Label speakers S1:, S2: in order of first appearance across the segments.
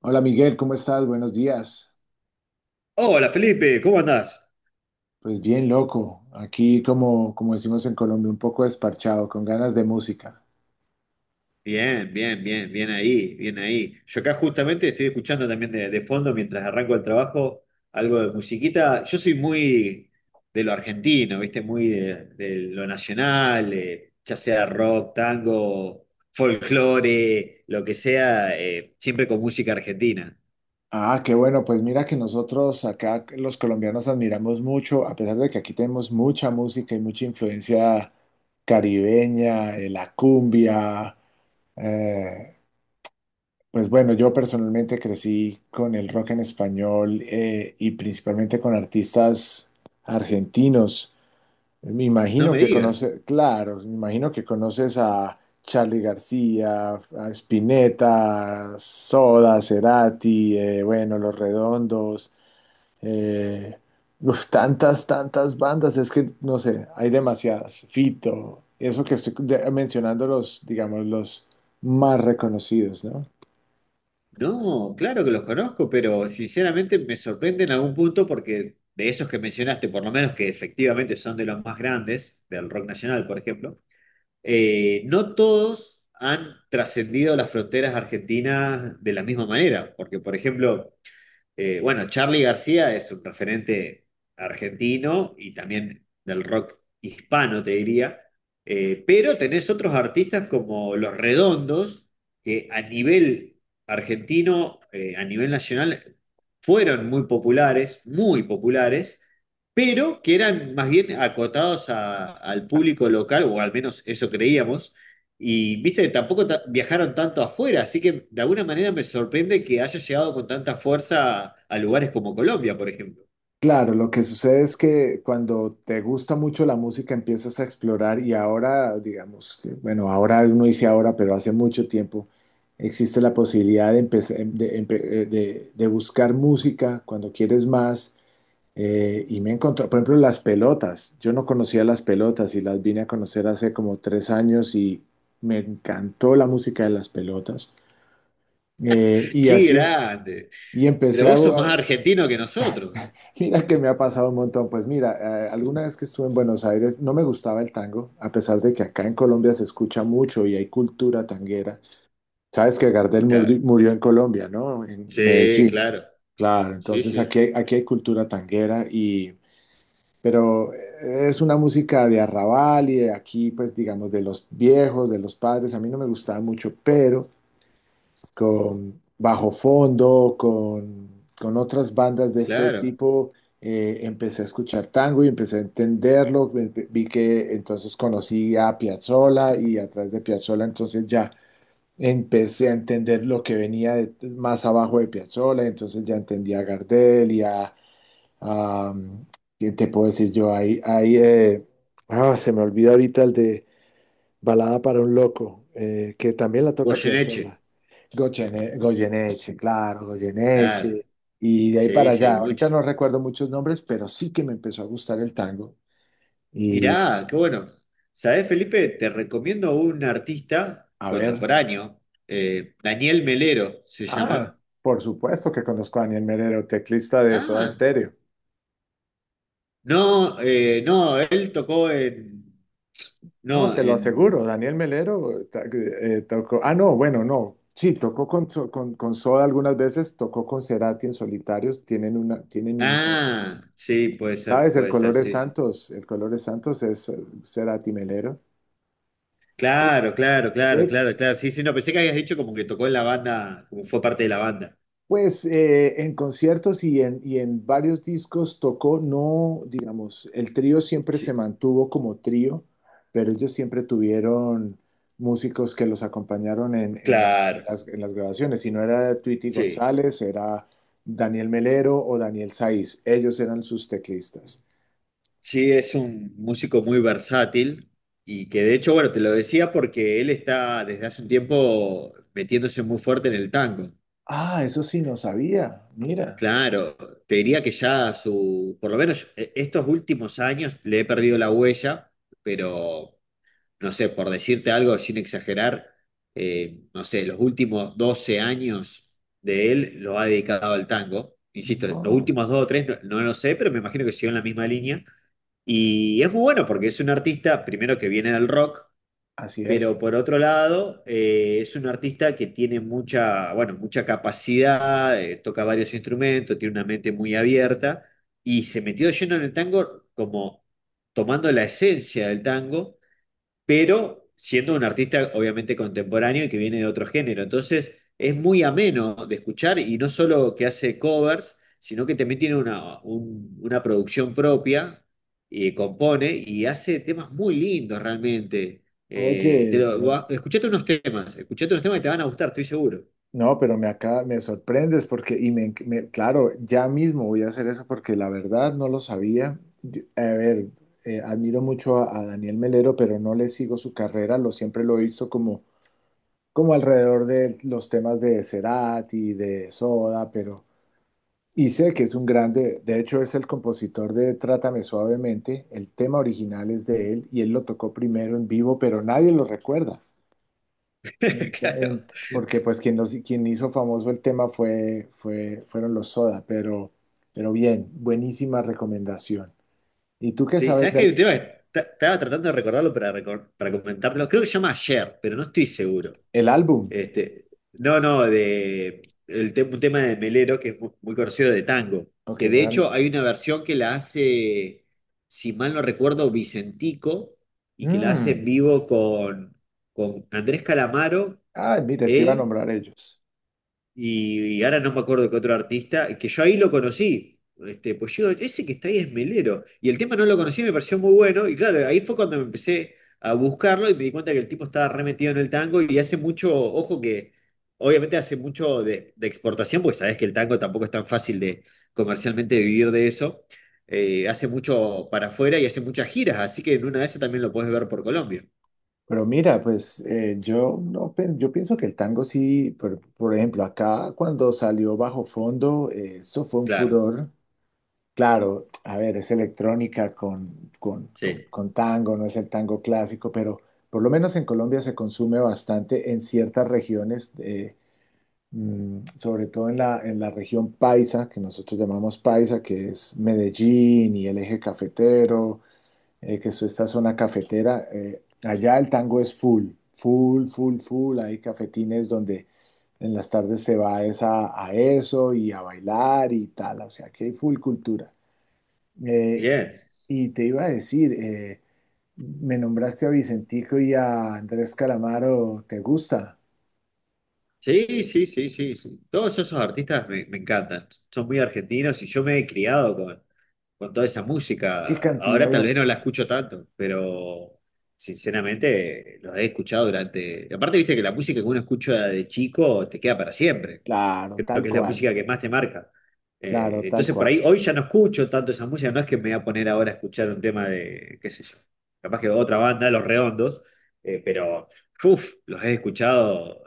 S1: Hola Miguel, ¿cómo estás? Buenos días.
S2: Hola Felipe, ¿cómo andás?
S1: Pues bien loco, aquí como decimos en Colombia, un poco desparchado, con ganas de música.
S2: Bien, bien, bien, bien ahí, bien ahí. Yo acá justamente estoy escuchando también de fondo mientras arranco el trabajo algo de musiquita. Yo soy muy de lo argentino, ¿viste? Muy de lo nacional, ya sea rock, tango, folclore, lo que sea, siempre con música argentina.
S1: Ah, qué bueno, pues mira que nosotros acá los colombianos admiramos mucho, a pesar de que aquí tenemos mucha música y mucha influencia caribeña, la cumbia. eh, pues bueno, yo personalmente crecí con el rock en español, y principalmente con artistas argentinos. Me
S2: No
S1: imagino
S2: me
S1: que
S2: digas.
S1: conoces, claro, me imagino que conoces a Charly García, a Spinetta, Soda, Cerati, bueno, Los Redondos, eh, uf, tantas bandas, es que no sé, hay demasiadas. Fito, eso que estoy mencionando los, digamos, los más reconocidos, ¿no?
S2: No, claro que los conozco, pero sinceramente me sorprende en algún punto porque de esos que mencionaste, por lo menos que efectivamente son de los más grandes, del rock nacional, por ejemplo, no todos han trascendido las fronteras argentinas de la misma manera, porque por ejemplo, bueno, Charly García es un referente argentino y también del rock hispano, te diría. Pero tenés otros artistas como Los Redondos, que a nivel argentino, a nivel nacional, fueron muy populares, pero que eran más bien acotados al público local, o al menos eso creíamos y viste, que tampoco viajaron tanto afuera, así que de alguna manera me sorprende que haya llegado con tanta fuerza a lugares como Colombia, por ejemplo.
S1: Claro, lo que sucede es que cuando te gusta mucho la música empiezas a explorar y ahora, digamos, que, bueno, ahora uno dice ahora, pero hace mucho tiempo existe la posibilidad de, empezar- de, empe- de buscar música cuando quieres más. Y me encontró, por ejemplo, las pelotas. Yo no conocía las pelotas y las vine a conocer hace como tres años y me encantó la música de las pelotas. Y
S2: ¡Qué
S1: así, em,
S2: grande!
S1: y
S2: Pero
S1: empecé a,
S2: vos sos más argentino que nosotros.
S1: Mira que me ha pasado un montón. Pues mira, alguna vez que estuve en Buenos Aires no me gustaba el tango, a pesar de que acá en Colombia se escucha mucho y hay cultura tanguera. Sabes que
S2: Claro.
S1: murió en Colombia, ¿no? En
S2: Sí,
S1: Medellín.
S2: claro.
S1: Claro,
S2: Sí,
S1: entonces
S2: sí,
S1: aquí hay cultura tanguera y... Pero es una música de arrabal y de aquí, pues digamos, de los viejos, de los padres. A mí no me gustaba mucho, pero con Bajo Fondo, con otras bandas de este
S2: claro.
S1: tipo, empecé a escuchar tango y empecé a entenderlo. Vi que entonces conocí a Piazzolla y a través de Piazzolla entonces ya empecé a entender lo que venía más abajo de Piazzolla, entonces ya entendí a Gardel y a ¿qué te puedo decir yo? Se me olvida ahorita el de... Balada para un loco, que también la toca
S2: Goyeneche.
S1: Piazzolla. Goyeneche, claro,
S2: Claro.
S1: Goyeneche. Y de ahí
S2: Sí,
S1: para
S2: sí, hay
S1: allá.
S2: mucho.
S1: Ahorita no recuerdo muchos nombres, pero sí que me empezó a gustar el tango. Y
S2: Mirá, qué bueno. ¿Sabés, Felipe? Te recomiendo un artista
S1: a ver,
S2: contemporáneo, Daniel Melero se llama.
S1: ah, por supuesto que conozco a Daniel Melero, teclista de Soda
S2: Ah,
S1: Stereo.
S2: no, no, él tocó en
S1: No,
S2: No,
S1: te lo aseguro,
S2: en...
S1: Tocó. Ah, no, bueno, no. Sí, tocó con Soda algunas veces, tocó con Cerati en solitarios. Tienen un
S2: Ah, sí,
S1: ¿Sabes? El
S2: puede
S1: color
S2: ser,
S1: de
S2: sí, sí.
S1: Santos, el color de Santos es Cerati Melero.
S2: Claro, claro, claro,
S1: De-
S2: claro, claro. Sí, sí, no, pensé que habías dicho como que tocó en la banda, como fue parte de la banda.
S1: pues en conciertos y en varios discos tocó, no, digamos, el trío siempre se
S2: Sí,
S1: mantuvo como trío, pero ellos siempre tuvieron músicos que los acompañaron en, en-
S2: claro,
S1: en las, en las grabaciones. Si no era Tweety
S2: sí.
S1: González, era Daniel Melero o Daniel Saiz. Ellos eran sus teclistas.
S2: Sí, es un músico muy versátil y que de hecho, bueno, te lo decía porque él está desde hace un tiempo metiéndose muy fuerte en el tango.
S1: Ah, eso sí, no sabía. Mira,
S2: Claro, te diría que ya su, por lo menos estos últimos años le he perdido la huella, pero... No sé, por decirte algo sin exagerar, no sé, los últimos 12 años de él lo ha dedicado al tango. Insisto, los
S1: no,
S2: últimos dos o tres no, no lo sé, pero me imagino que siguió en la misma línea. Y es muy bueno porque es un artista, primero que viene del rock,
S1: así
S2: pero
S1: es.
S2: por otro lado, es un artista que tiene mucha, bueno, mucha capacidad, toca varios instrumentos, tiene una mente muy abierta y se metió lleno en el tango como tomando la esencia del tango pero siendo un artista obviamente contemporáneo y que viene de otro género. Entonces es muy ameno de escuchar y no solo que hace covers, sino que también tiene una producción propia, y compone y hace temas muy lindos realmente.
S1: Oye, pero
S2: Escuchate unos temas, escuchate unos temas que te van a gustar, estoy seguro.
S1: no, pero me acá me sorprendes porque, claro, ya mismo voy a hacer eso porque la verdad no lo sabía. Yo- a ver, admiro mucho a Daniel Melero, pero no le sigo su carrera, lo siempre lo he visto como, como alrededor de los temas de Cerati, de Soda, pero, y sé que es un grande, de hecho es el compositor de Trátame Suavemente, el tema original es de él y él lo tocó primero en vivo, pero nadie lo recuerda. Ento-
S2: Claro.
S1: en- Porque pues quien hizo famoso el tema fueron los Soda, pero bien, buenísima recomendación. ¿Y tú qué
S2: Sí,
S1: sabes
S2: ¿sabes que hay un
S1: del
S2: tema que estaba tratando de recordarlo para, para comentarlo? Creo que se llama Ayer, pero no estoy seguro.
S1: el álbum?
S2: Este, no, no, de el un tema de Melero que es muy, conocido de tango,
S1: Ok,
S2: que de hecho
S1: bueno.
S2: hay una versión que la hace, si mal no recuerdo, Vicentico, y que la hace
S1: Mm.
S2: en vivo con Andrés Calamaro,
S1: Ah, mira, te iba a
S2: él
S1: nombrar ellos.
S2: y ahora no me acuerdo qué otro artista, que yo ahí lo conocí. Este, pues yo, ese que está ahí es Melero. Y el tema no lo conocí, me pareció muy bueno. Y claro, ahí fue cuando me empecé a buscarlo y me di cuenta que el tipo estaba re metido en el tango y hace mucho, ojo que, obviamente hace mucho de exportación, porque sabes que el tango tampoco es tan fácil de comercialmente vivir de eso. Hace mucho para afuera y hace muchas giras, así que en una de esas también lo puedes ver por Colombia.
S1: Pero mira, pues yo, no, pe- yo pienso que el tango sí, por ejemplo, acá cuando salió Bajo Fondo, eso fue un
S2: Claro,
S1: furor. Claro, a ver, es electrónica con, con, con-
S2: sí.
S1: con tango, no es el tango clásico, pero por lo menos en Colombia se consume bastante en ciertas regiones, sobre todo en la región paisa, que nosotros llamamos paisa, que es Medellín y el eje cafetero, que es esta zona cafetera. Allá el tango es full. Hay cafetines donde en las tardes se va es a eso y a bailar y tal, o sea que hay full cultura. Eh,
S2: Bien.
S1: y te iba a decir, me nombraste a Vicentico y a Andrés Calamaro, ¿te gusta?
S2: Sí, sí, sí, sí, sí. Todos esos artistas me encantan. Son muy argentinos y yo me he criado con toda esa música.
S1: ¿Qué cantidad
S2: Ahora
S1: de
S2: tal vez no
S1: artistas?
S2: la escucho tanto, pero sinceramente los he escuchado durante... Aparte, viste que la música que uno escucha de chico te queda para siempre
S1: Claro,
S2: creo
S1: tal
S2: que es la
S1: cual,
S2: música que más te marca.
S1: claro, tal
S2: Entonces por
S1: cual.
S2: ahí hoy ya no escucho tanto esa música, no es que me voy a poner ahora a escuchar un tema de, qué sé yo, capaz que otra banda, Los Redondos, pero uf, los he escuchado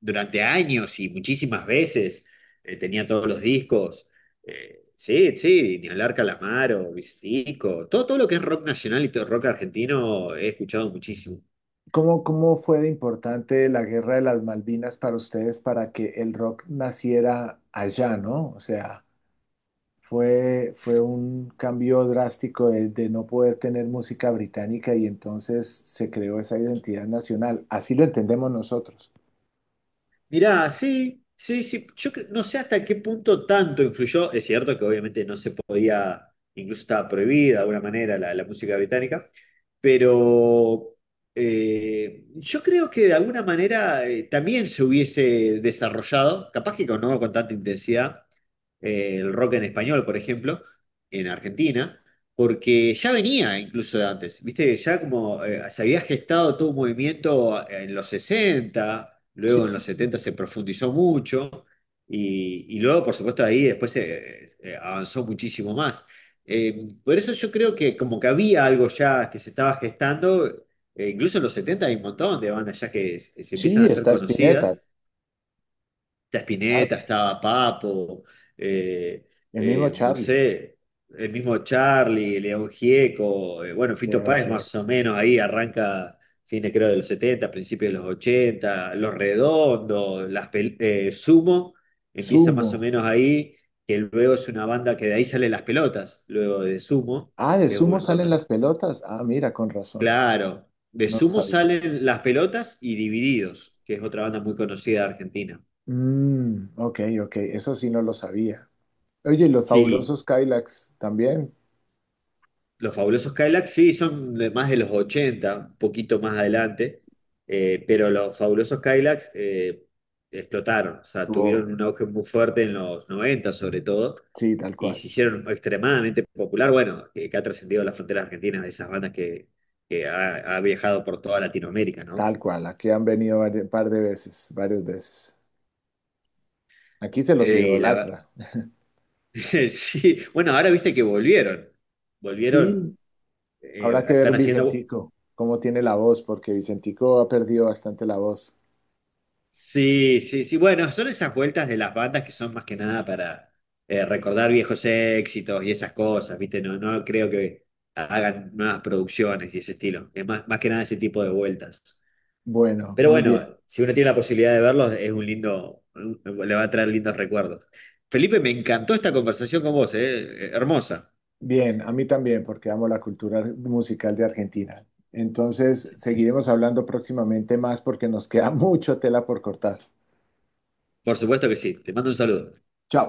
S2: durante años y muchísimas veces, tenía todos los discos, sí, sí, ni hablar Calamaro, Vicentico, todo, todo lo que es rock nacional y todo rock argentino he escuchado muchísimo.
S1: ¿Cómo fue de importante la Guerra de las Malvinas para ustedes para que el rock naciera allá, ¿no? O sea, fue un cambio drástico de no poder tener música británica y entonces se creó esa identidad nacional. Así lo entendemos nosotros.
S2: Mirá, sí, sí, sí. No sé hasta qué punto tanto influyó. Es cierto que obviamente no se podía, incluso estaba prohibida de alguna manera la música británica, pero yo creo que de alguna manera también se hubiese desarrollado, capaz que con, no con tanta intensidad, el rock en español, por ejemplo, en Argentina, porque ya venía incluso de antes, viste, ya como se había gestado todo un movimiento en los 60
S1: Sí,
S2: luego en
S1: sí,
S2: los
S1: sí.
S2: 70 se profundizó mucho, y luego, por supuesto, ahí después avanzó muchísimo más. Por eso yo creo que como que había algo ya que se estaba gestando, incluso en los 70 hay un montón de bandas ya que se empiezan
S1: Sí,
S2: a ser
S1: está Spinetta.
S2: conocidas. Está
S1: Ah,
S2: Spinetta, estaba Papo, eh,
S1: el mismo
S2: no
S1: Charlie,
S2: sé, el mismo Charlie, León Gieco, bueno, Fito
S1: de
S2: Páez más
S1: Ojeda.
S2: o menos ahí arranca fines creo de los 70 principios de los 80 Los Redondos, Sumo, empieza
S1: Sumo.
S2: más o menos ahí, que luego es una banda que de ahí salen las pelotas, luego de Sumo,
S1: Ah, de
S2: es
S1: sumo
S2: un-
S1: salen
S2: cuando-
S1: las pelotas. Ah, mira, con razón.
S2: claro, de
S1: No lo
S2: Sumo
S1: sabía.
S2: salen las pelotas y Divididos, que es otra banda muy conocida de Argentina.
S1: Mm, ok, ok, eso sí no lo sabía. Oye, ¿y los
S2: Sí,
S1: fabulosos Kylax también?
S2: los fabulosos Cadillacs, sí, son de más de los 80, un poquito más adelante, pero los fabulosos Cadillacs explotaron, o sea,
S1: Oh,
S2: tuvieron un auge muy fuerte en los 90, sobre todo,
S1: sí, tal
S2: y
S1: cual.
S2: se hicieron extremadamente popular, bueno, que ha trascendido las fronteras argentinas, de esas bandas que ha viajado por toda Latinoamérica, ¿no?
S1: Tal cual. Aquí han venido un par de veces, varias veces. Aquí se los
S2: Eh, y la-
S1: idolatra.
S2: sí, bueno, ahora viste que volvieron,
S1: Sí, habrá que ver
S2: están haciendo
S1: Vicentico, cómo tiene la voz, porque Vicentico ha perdido bastante la voz.
S2: Sí, sí, sí. Bueno, son esas vueltas de las bandas que son más que nada para recordar viejos éxitos y esas cosas, ¿viste? No, no creo que hagan nuevas producciones y ese estilo. Es más, más que nada ese tipo de vueltas.
S1: Bueno,
S2: Pero
S1: muy bien.
S2: bueno, si uno tiene la posibilidad de verlos, es un lindo, le va a traer lindos recuerdos. Felipe, me encantó esta conversación con vos, ¿eh? Hermosa.
S1: Bien, a mí también, porque amo la cultura musical de Argentina. Entonces, seguiremos hablando próximamente más porque nos queda mucho tela por cortar.
S2: Por supuesto que sí. Te mando un saludo.
S1: Chao.